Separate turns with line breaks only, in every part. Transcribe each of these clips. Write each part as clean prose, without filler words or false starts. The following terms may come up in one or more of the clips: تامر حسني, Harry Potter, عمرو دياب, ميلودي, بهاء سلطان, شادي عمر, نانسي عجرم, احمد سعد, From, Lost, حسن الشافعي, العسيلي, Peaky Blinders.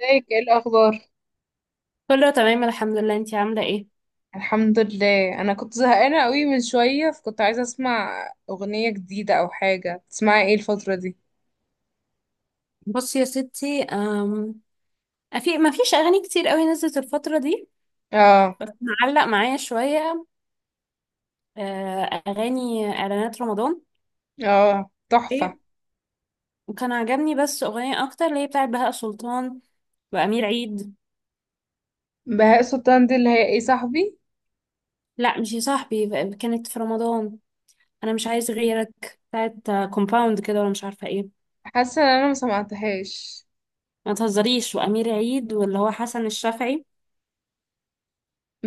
ازيك؟ ايه الاخبار؟
كله تمام، الحمد لله. انتي عاملة ايه؟
الحمد لله، انا كنت زهقانه قوي من شويه، فكنت عايزه اسمع اغنيه جديده او حاجه. تسمعي ايه الفتره دي؟
بصي يا ستي، ما فيش أغاني كتير قوي نزلت الفترة دي.
اه.
بس معلق معايا شوية. آه، أغاني إعلانات رمضان.
اه تحفه.
ايه. وكان عجبني بس أغنية أكتر، اللي هي بتاعت بهاء سلطان وأمير عيد.
بهاء سلطان دي اللي هي ايه صاحبي؟
لا مش يا صاحبي، كانت في رمضان. أنا مش عايز غيرك، بتاعت كومباوند كده ولا مش عارفة ايه.
حاسه ان انا ما سمعتهاش.
ما تهزريش. وأمير عيد واللي هو حسن الشافعي.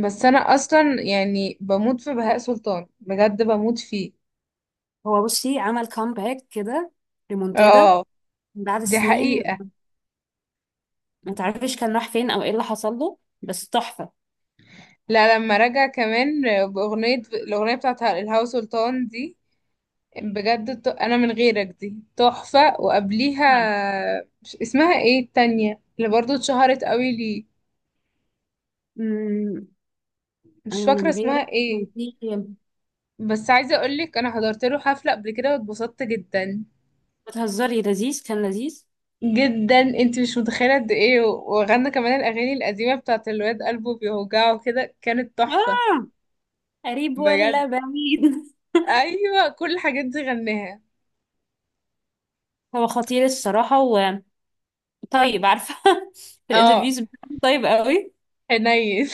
بس انا اصلا بموت في بهاء سلطان، بجد بموت فيه.
هو بصي، عمل كامباك كده. ريمونتادا.
اه.
بعد
دي
سنين.
حقيقه.
ما تعرفش كان راح فين او ايه اللي حصل له، بس تحفة.
لا لما رجع كمان باغنيه، الاغنيه بتاعت الهوا سلطان دي بجد. انا من غيرك دي تحفة، وقبليها
نعم.
مش اسمها ايه؟ التانية اللي برضو اتشهرت قوي لي،
امم انا
مش فاكرة
من
اسمها
غيرك كان
ايه.
في.
بس عايزة اقولك انا حضرت له حفلة قبل كده، واتبسطت جدا
بتهزري. لذيذ، كان لذيذ.
جدا. انت مش متخيلة قد ايه، وغنى كمان الاغاني القديمة بتاعت الواد قلبه بيوجعه كده، كانت تحفة
اه. قريب
بجد.
ولا بعيد؟
ايوه كل الحاجات دي غناها.
هو خطير الصراحة. وطيب، عارفة. في
اه
الانترفيوز بتاعته طيب قوي.
حنين.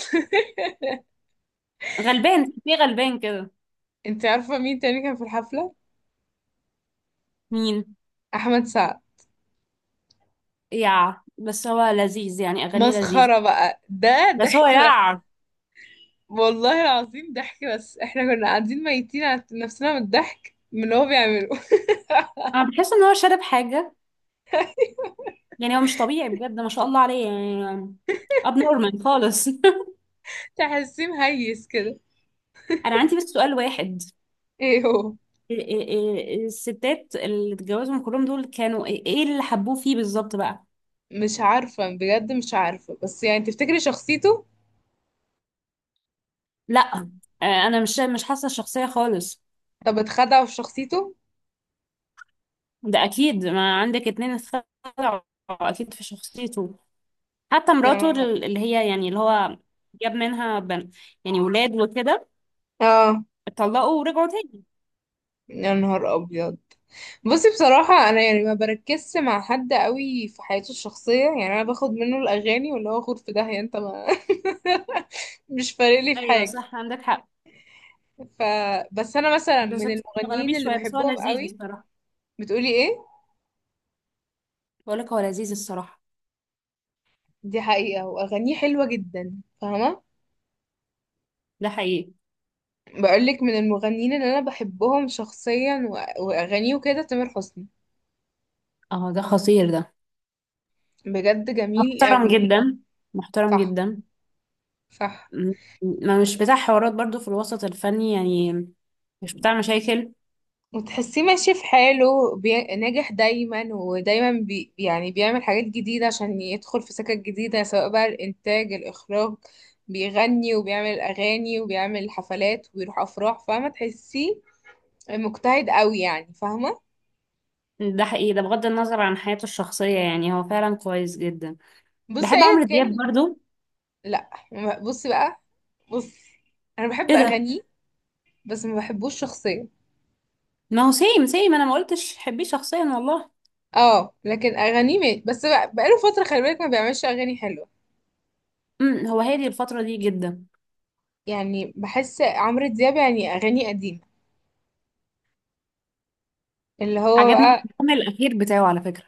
غلبان، في غلبان كده.
انت عارفة مين تاني كان في الحفلة؟
مين؟
احمد سعد.
بس هو لذيذ، يعني اغانيه لذيذة.
مسخرة بقى، ده
بس هو
ضحك
يع
والله العظيم. ضحك بس، احنا كنا قاعدين ميتين على نفسنا من الضحك من اللي هو بيعمله.
انا بحس ان هو شارب حاجة. يعني هو مش طبيعي بجد، ما شاء الله عليه يعني. اب نورمال خالص.
تحسيه مهيس كده.
انا عندي بس سؤال واحد.
ايه هو؟
إيه الستات اللي اتجوزهم كلهم دول كانوا ايه، إيه اللي حبوه فيه بالظبط بقى؟
مش عارفة بجد، مش عارفة. بس تفتكري شخصيته؟
لا. انا مش حاسه الشخصيه خالص.
طب اتخدع في شخصيته.
ده اكيد، ما عندك اتنين اتخلعوا. اكيد في شخصيته. حتى
يا
مراته،
نهار.
اللي هي يعني اللي هو جاب منها بن، يعني ولاد وكده.
اه
اتطلقوا ورجعوا تاني.
يا نهار ابيض. بصي بصراحة، أنا ما بركزش مع حد قوي في حياته الشخصية. يعني أنا باخد منه الأغاني، واللي هو خد في داهية أنت ما. مش فارق لي في
ايوه
حاجة.
صح، عندك حق.
ف بس أنا مثلا
بس
من
بتستغربيه
المغنيين اللي
شويه، بس هو
بحبهم
لذيذ
قوي.
بصراحه.
بتقولي ايه؟
بقول لك هو لذيذ الصراحه.
دي حقيقة، واغانيه حلوة جدا، فاهمة؟
ده حقيقي.
بقولك من المغنيين اللي انا بحبهم شخصيا واغانيه وكده، تامر حسني.
اه، ده خطير ده.
بجد جميل
محترم
قوي.
جدا. محترم
صح
جدا.
صح.
م- ما مش بتاع حوارات برضو في الوسط الفني يعني. مش بتاع مشاكل.
وتحسيه ماشي في حاله ناجح دايما، ودايما يعني بيعمل حاجات جديدة عشان يدخل في سكك جديدة، سواء بقى الإنتاج، الإخراج، بيغني، وبيعمل أغاني، وبيعمل حفلات، وبيروح أفراح. فاهمة؟ تحسيه مجتهد قوي يعني، فاهمة؟
ده حقيقي، ده بغض النظر عن حياته الشخصية، يعني هو فعلا كويس جدا.
بصي،
بحب
أيا
عمرو دياب
كان.
برضو.
لا ما- بصي بقى. بصي انا بحب
ايه ده؟
اغانيه، بس ما بحبوش شخصيا.
ما هو سيم سيم، انا ما قلتش حبيه شخصيا والله.
اه لكن اغانيه مات، بس بقى بقاله فتره خلي بالك ما بيعملش اغاني حلوه.
هو هادي الفترة دي جدا.
يعني بحس عمرو دياب يعني اغاني قديمه، اللي هو
عجبني
بقى
الالبوم الاخير بتاعه على فكرة.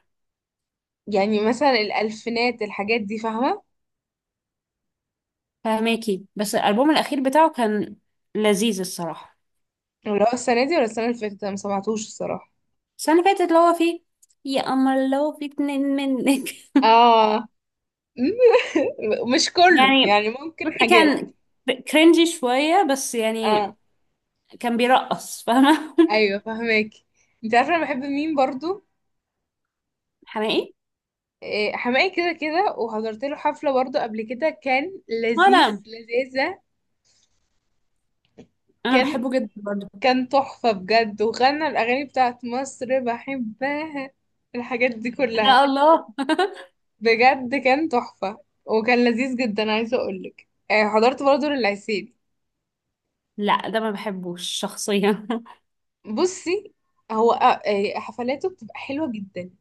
يعني مثلا الالفينات، الحاجات دي، فاهمه؟
فهماكي. بس الالبوم الاخير بتاعه كان لذيذ الصراحة.
اللي هو السنه دي ولا السنه اللي فاتت، أنا ما سمعتوش الصراحه.
السنة اللي فاتت اللي هو فيه يا قمر لو في اتنين منك.
اه. مش كله
يعني،
يعني، ممكن
بصي،
حاجات.
كان كرنجي شوية بس يعني.
اه
كان بيرقص فاهمة.
ايوه فاهماكي. انت عارفه انا بحب مين برضو؟
حماقي.
حماقي، كده كده. وحضرت له حفلة برضه قبل كده، كان لذيذ
وانا،
لذيذة.
انا
كان
بحبه جدا برضه.
كان تحفة بجد، وغنى الأغاني بتاعت مصر، بحبها الحاجات دي كلها،
لا الله.
بجد كان تحفة. وكان لذيذ جدا. عايزة أقولك حضرت برضه للعسيلي.
لا، ده ما بحبوش شخصيا.
بصي هو آه، إيه، حفلاته بتبقى حلوة جدا،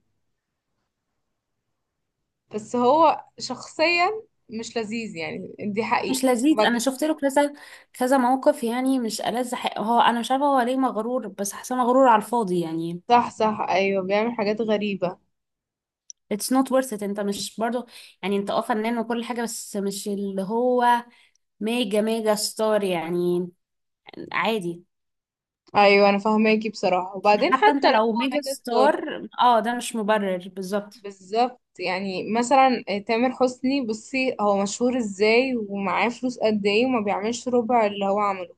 بس هو شخصيا مش لذيذ يعني، دي
مش
حقيقة.
لذيذ. انا
وبعدين
شفت له كذا كذا موقف. يعني مش ألذ حق هو. انا مش عارفه هو ليه مغرور، بس حاسه مغرور على الفاضي يعني.
صح صح أيوه، بيعمل حاجات غريبة.
it's not worth it. انت مش برضه، يعني انت اه فنان وكل حاجه، بس مش اللي هو ميجا ميجا ستار يعني. عادي.
ايوه انا فاهماكي بصراحه. وبعدين
حتى انت
حتى لو
لو
هو
ميجا
ميجا ستار،
ستار، اه ده مش مبرر بالظبط.
بالظبط. يعني مثلا تامر حسني بصي، هو مشهور ازاي ومعاه فلوس قد ايه، وما بيعملش ربع اللي هو عمله.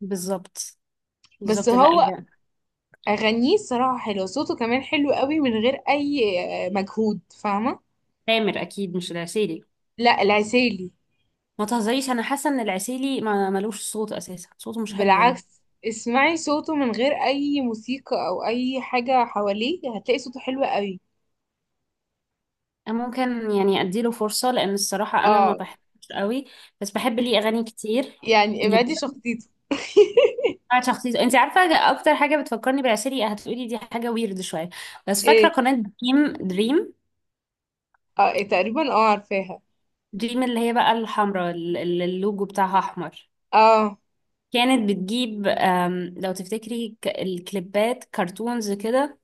بالظبط.
بس
بالظبط. لا
هو اغانيه الصراحه حلوه، صوته كمان حلو قوي من غير اي مجهود، فاهمه؟
تامر اكيد مش العسيلي.
لا العسيلي
ما تهزريش. انا حاسه ان العسيلي ما ملوش صوت اساسا، صوته مش حلو يعني.
بالعكس، اسمعي صوته من غير اي موسيقى او اي حاجه حواليه، هتلاقي صوته حلو قوي.
أنا ممكن يعني اديله فرصه، لان الصراحه انا ما
اه
بحبش قوي. بس بحب ليه اغاني كتير
يعني
جدا.
ابعدي شخصيته.
بتاعت شخصيته انت عارفه. اكتر حاجه بتفكرني بالعسيلي، هتقولي دي حاجه، ويرد شويه. بس فاكره
ايه؟
قناه دريم دريم،
اه تقريبا اه عارفاها.
دريم اللي هي بقى الحمراء، اللي اللوجو بتاعها احمر.
اه
كانت بتجيب لو تفتكري، الكليبات كرتونز كده.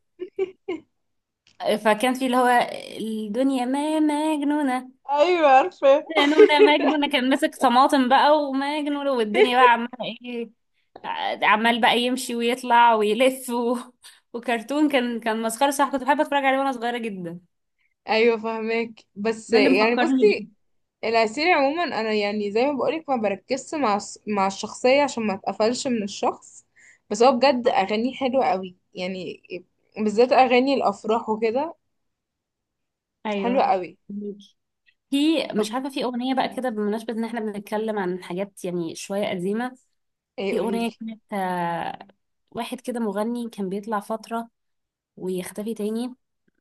فكان في اللي هو الدنيا ما مجنونة.
ايوه عارفه.
مجنونة مجنونة، كان ماسك طماطم بقى ومجنونة، والدنيا بقى عمالة ايه، عمال بقى يمشي ويطلع ويلف. وكرتون، كان مسخرة. صح، كنت بحب اتفرج عليه وانا صغيرة جدا.
ايوه فاهمك، بس
ده اللي مفكرني بيه.
بصي العسيل عموما، انا يعني زي ما بقولك ما بركزش مع مع الشخصيه، عشان ما اتقفلش من الشخص. بس هو بجد
صح.
اغانيه حلوه قوي يعني، بالذات اغاني الافراح وكده، حلوه
ايوه.
قوي.
في،
طب
مش عارفة، في أغنية بقى كده بمناسبة إن إحنا بنتكلم عن حاجات يعني شوية قديمة.
ايه؟
في
قوليلي
أغنية كانت، واحد كده مغني كان بيطلع فترة ويختفي تاني.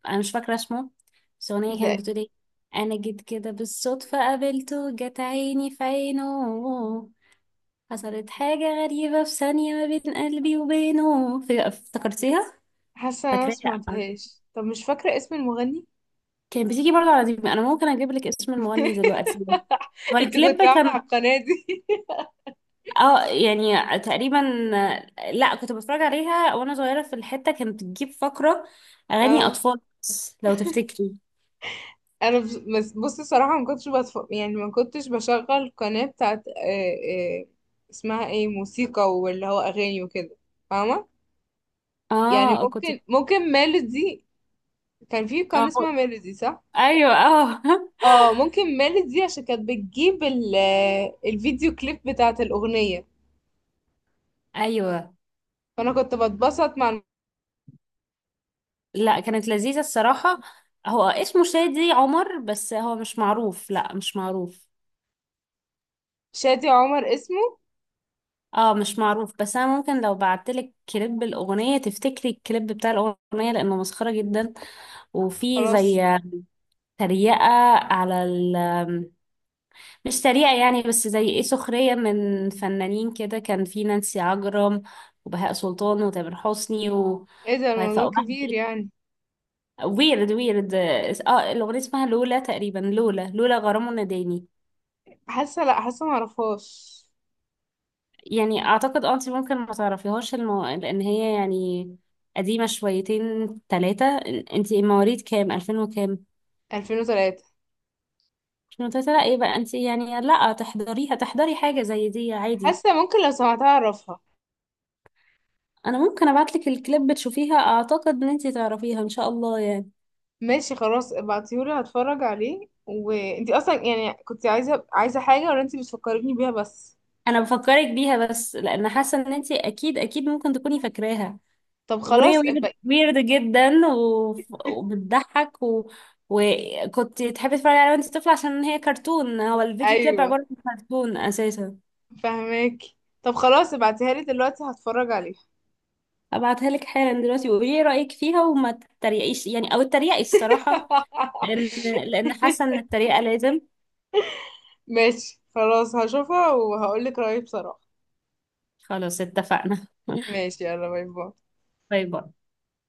أنا مش فاكرة اسمه، بس الأغنية
ده.
كانت بتقول إيه. أنا جيت كده بالصدفة، قابلته، جت عيني في عينه. حصلت حاجة غريبة في ثانية ما بين قلبي وبينه. افتكرتيها؟
حاسه انا ما
فاكراها.
سمعتهاش. طب مش فاكره اسم المغني.
كان بتيجي برضه على دي. أنا ممكن أجيب لك اسم المغني دلوقتي. هو
انت
الكليب
كنت قاعده على
كان.
القناه دي؟
اه، يعني تقريبا. لا، كنت بتفرج عليها وانا صغيرة. في الحتة كانت بتجيب فقرة اغاني
اه.
اطفال، بس لو تفتكري.
انا بصي صراحه ما كنتش بتف... يعني ما كنتش بشغل قناه بتاعت اسمها ايه؟ موسيقى، واللي هو اغاني وكده، فاهمه؟ يعني
اه، كنت.
ممكن، ممكن ميلودي. كان في قناه
اه.
اسمها ميلودي صح؟
ايوه، اه.
اه ممكن ميلودي، عشان كانت بتجيب ال... آه، الفيديو كليب بتاعت الاغنيه.
ايوه.
فانا كنت بتبسط مع
لا، كانت لذيذة الصراحة. هو اسمه شادي عمر، بس هو مش معروف. لا، مش معروف.
شادي عمر اسمه.
اه، مش معروف. بس انا ممكن لو بعتلك كليب الاغنية تفتكري الكليب بتاع الاغنية، لانه مسخرة جدا. وفي
خلاص.
زي تريقة على، مش سريع يعني، بس زي ايه، سخرية من فنانين كده. كان في نانسي عجرم، وبهاء سلطان، وتامر حسني.
ايه ده؟
وهيفاء
الموضوع كبير
وهبي.
يعني.
ويرد ويرد. اه، الأغنية اسمها لولا تقريبا، لولا لولا غرام وناداني.
حاسه، لا حاسه ما اعرفهاش.
يعني أعتقد اه انت ممكن ما تعرفيهاش لأن هي يعني قديمة شويتين تلاتة. انت مواليد كام؟ ألفين وكام؟
2003.
2003؟ لا ايه بقى انت يعني. لا تحضريها، تحضري حاجة زي دي عادي.
حاسه ممكن لو سمعتها اعرفها.
انا ممكن ابعتلك الكليب تشوفيها، اعتقد ان انتي تعرفيها ان شاء الله يعني.
ماشي خلاص، ابعتيهولي هتفرج عليه. وانتي اصلا كنت عايزه حاجه ولا انتي بتفكريني بيها بس؟
انا بفكرك بيها بس لان حاسه ان انتي اكيد اكيد ممكن تكوني فاكراها.
طب
اغنيه
خلاص
ويرد
ابقى.
ويرد جدا و... وبتضحك. وكنت تحبي تتفرجي عليها وانتي طفله، عشان هي كرتون. هو الفيديو كليب
ايوه
عباره عن كرتون اساسا.
فهماكي. طب خلاص ابعتيها لي دلوقتي هتفرج عليها.
ابعتها لك حالا دلوقتي، وقولي لي رايك فيها، وما تتريقيش يعني او تتريقي الصراحه. لان لان حاسه ان التريقه لازم.
ماشي خلاص، هشوفها وهقولك رأيي بصراحه.
خلاص، اتفقنا.
ماشي يلا، باي باي.
باي باي.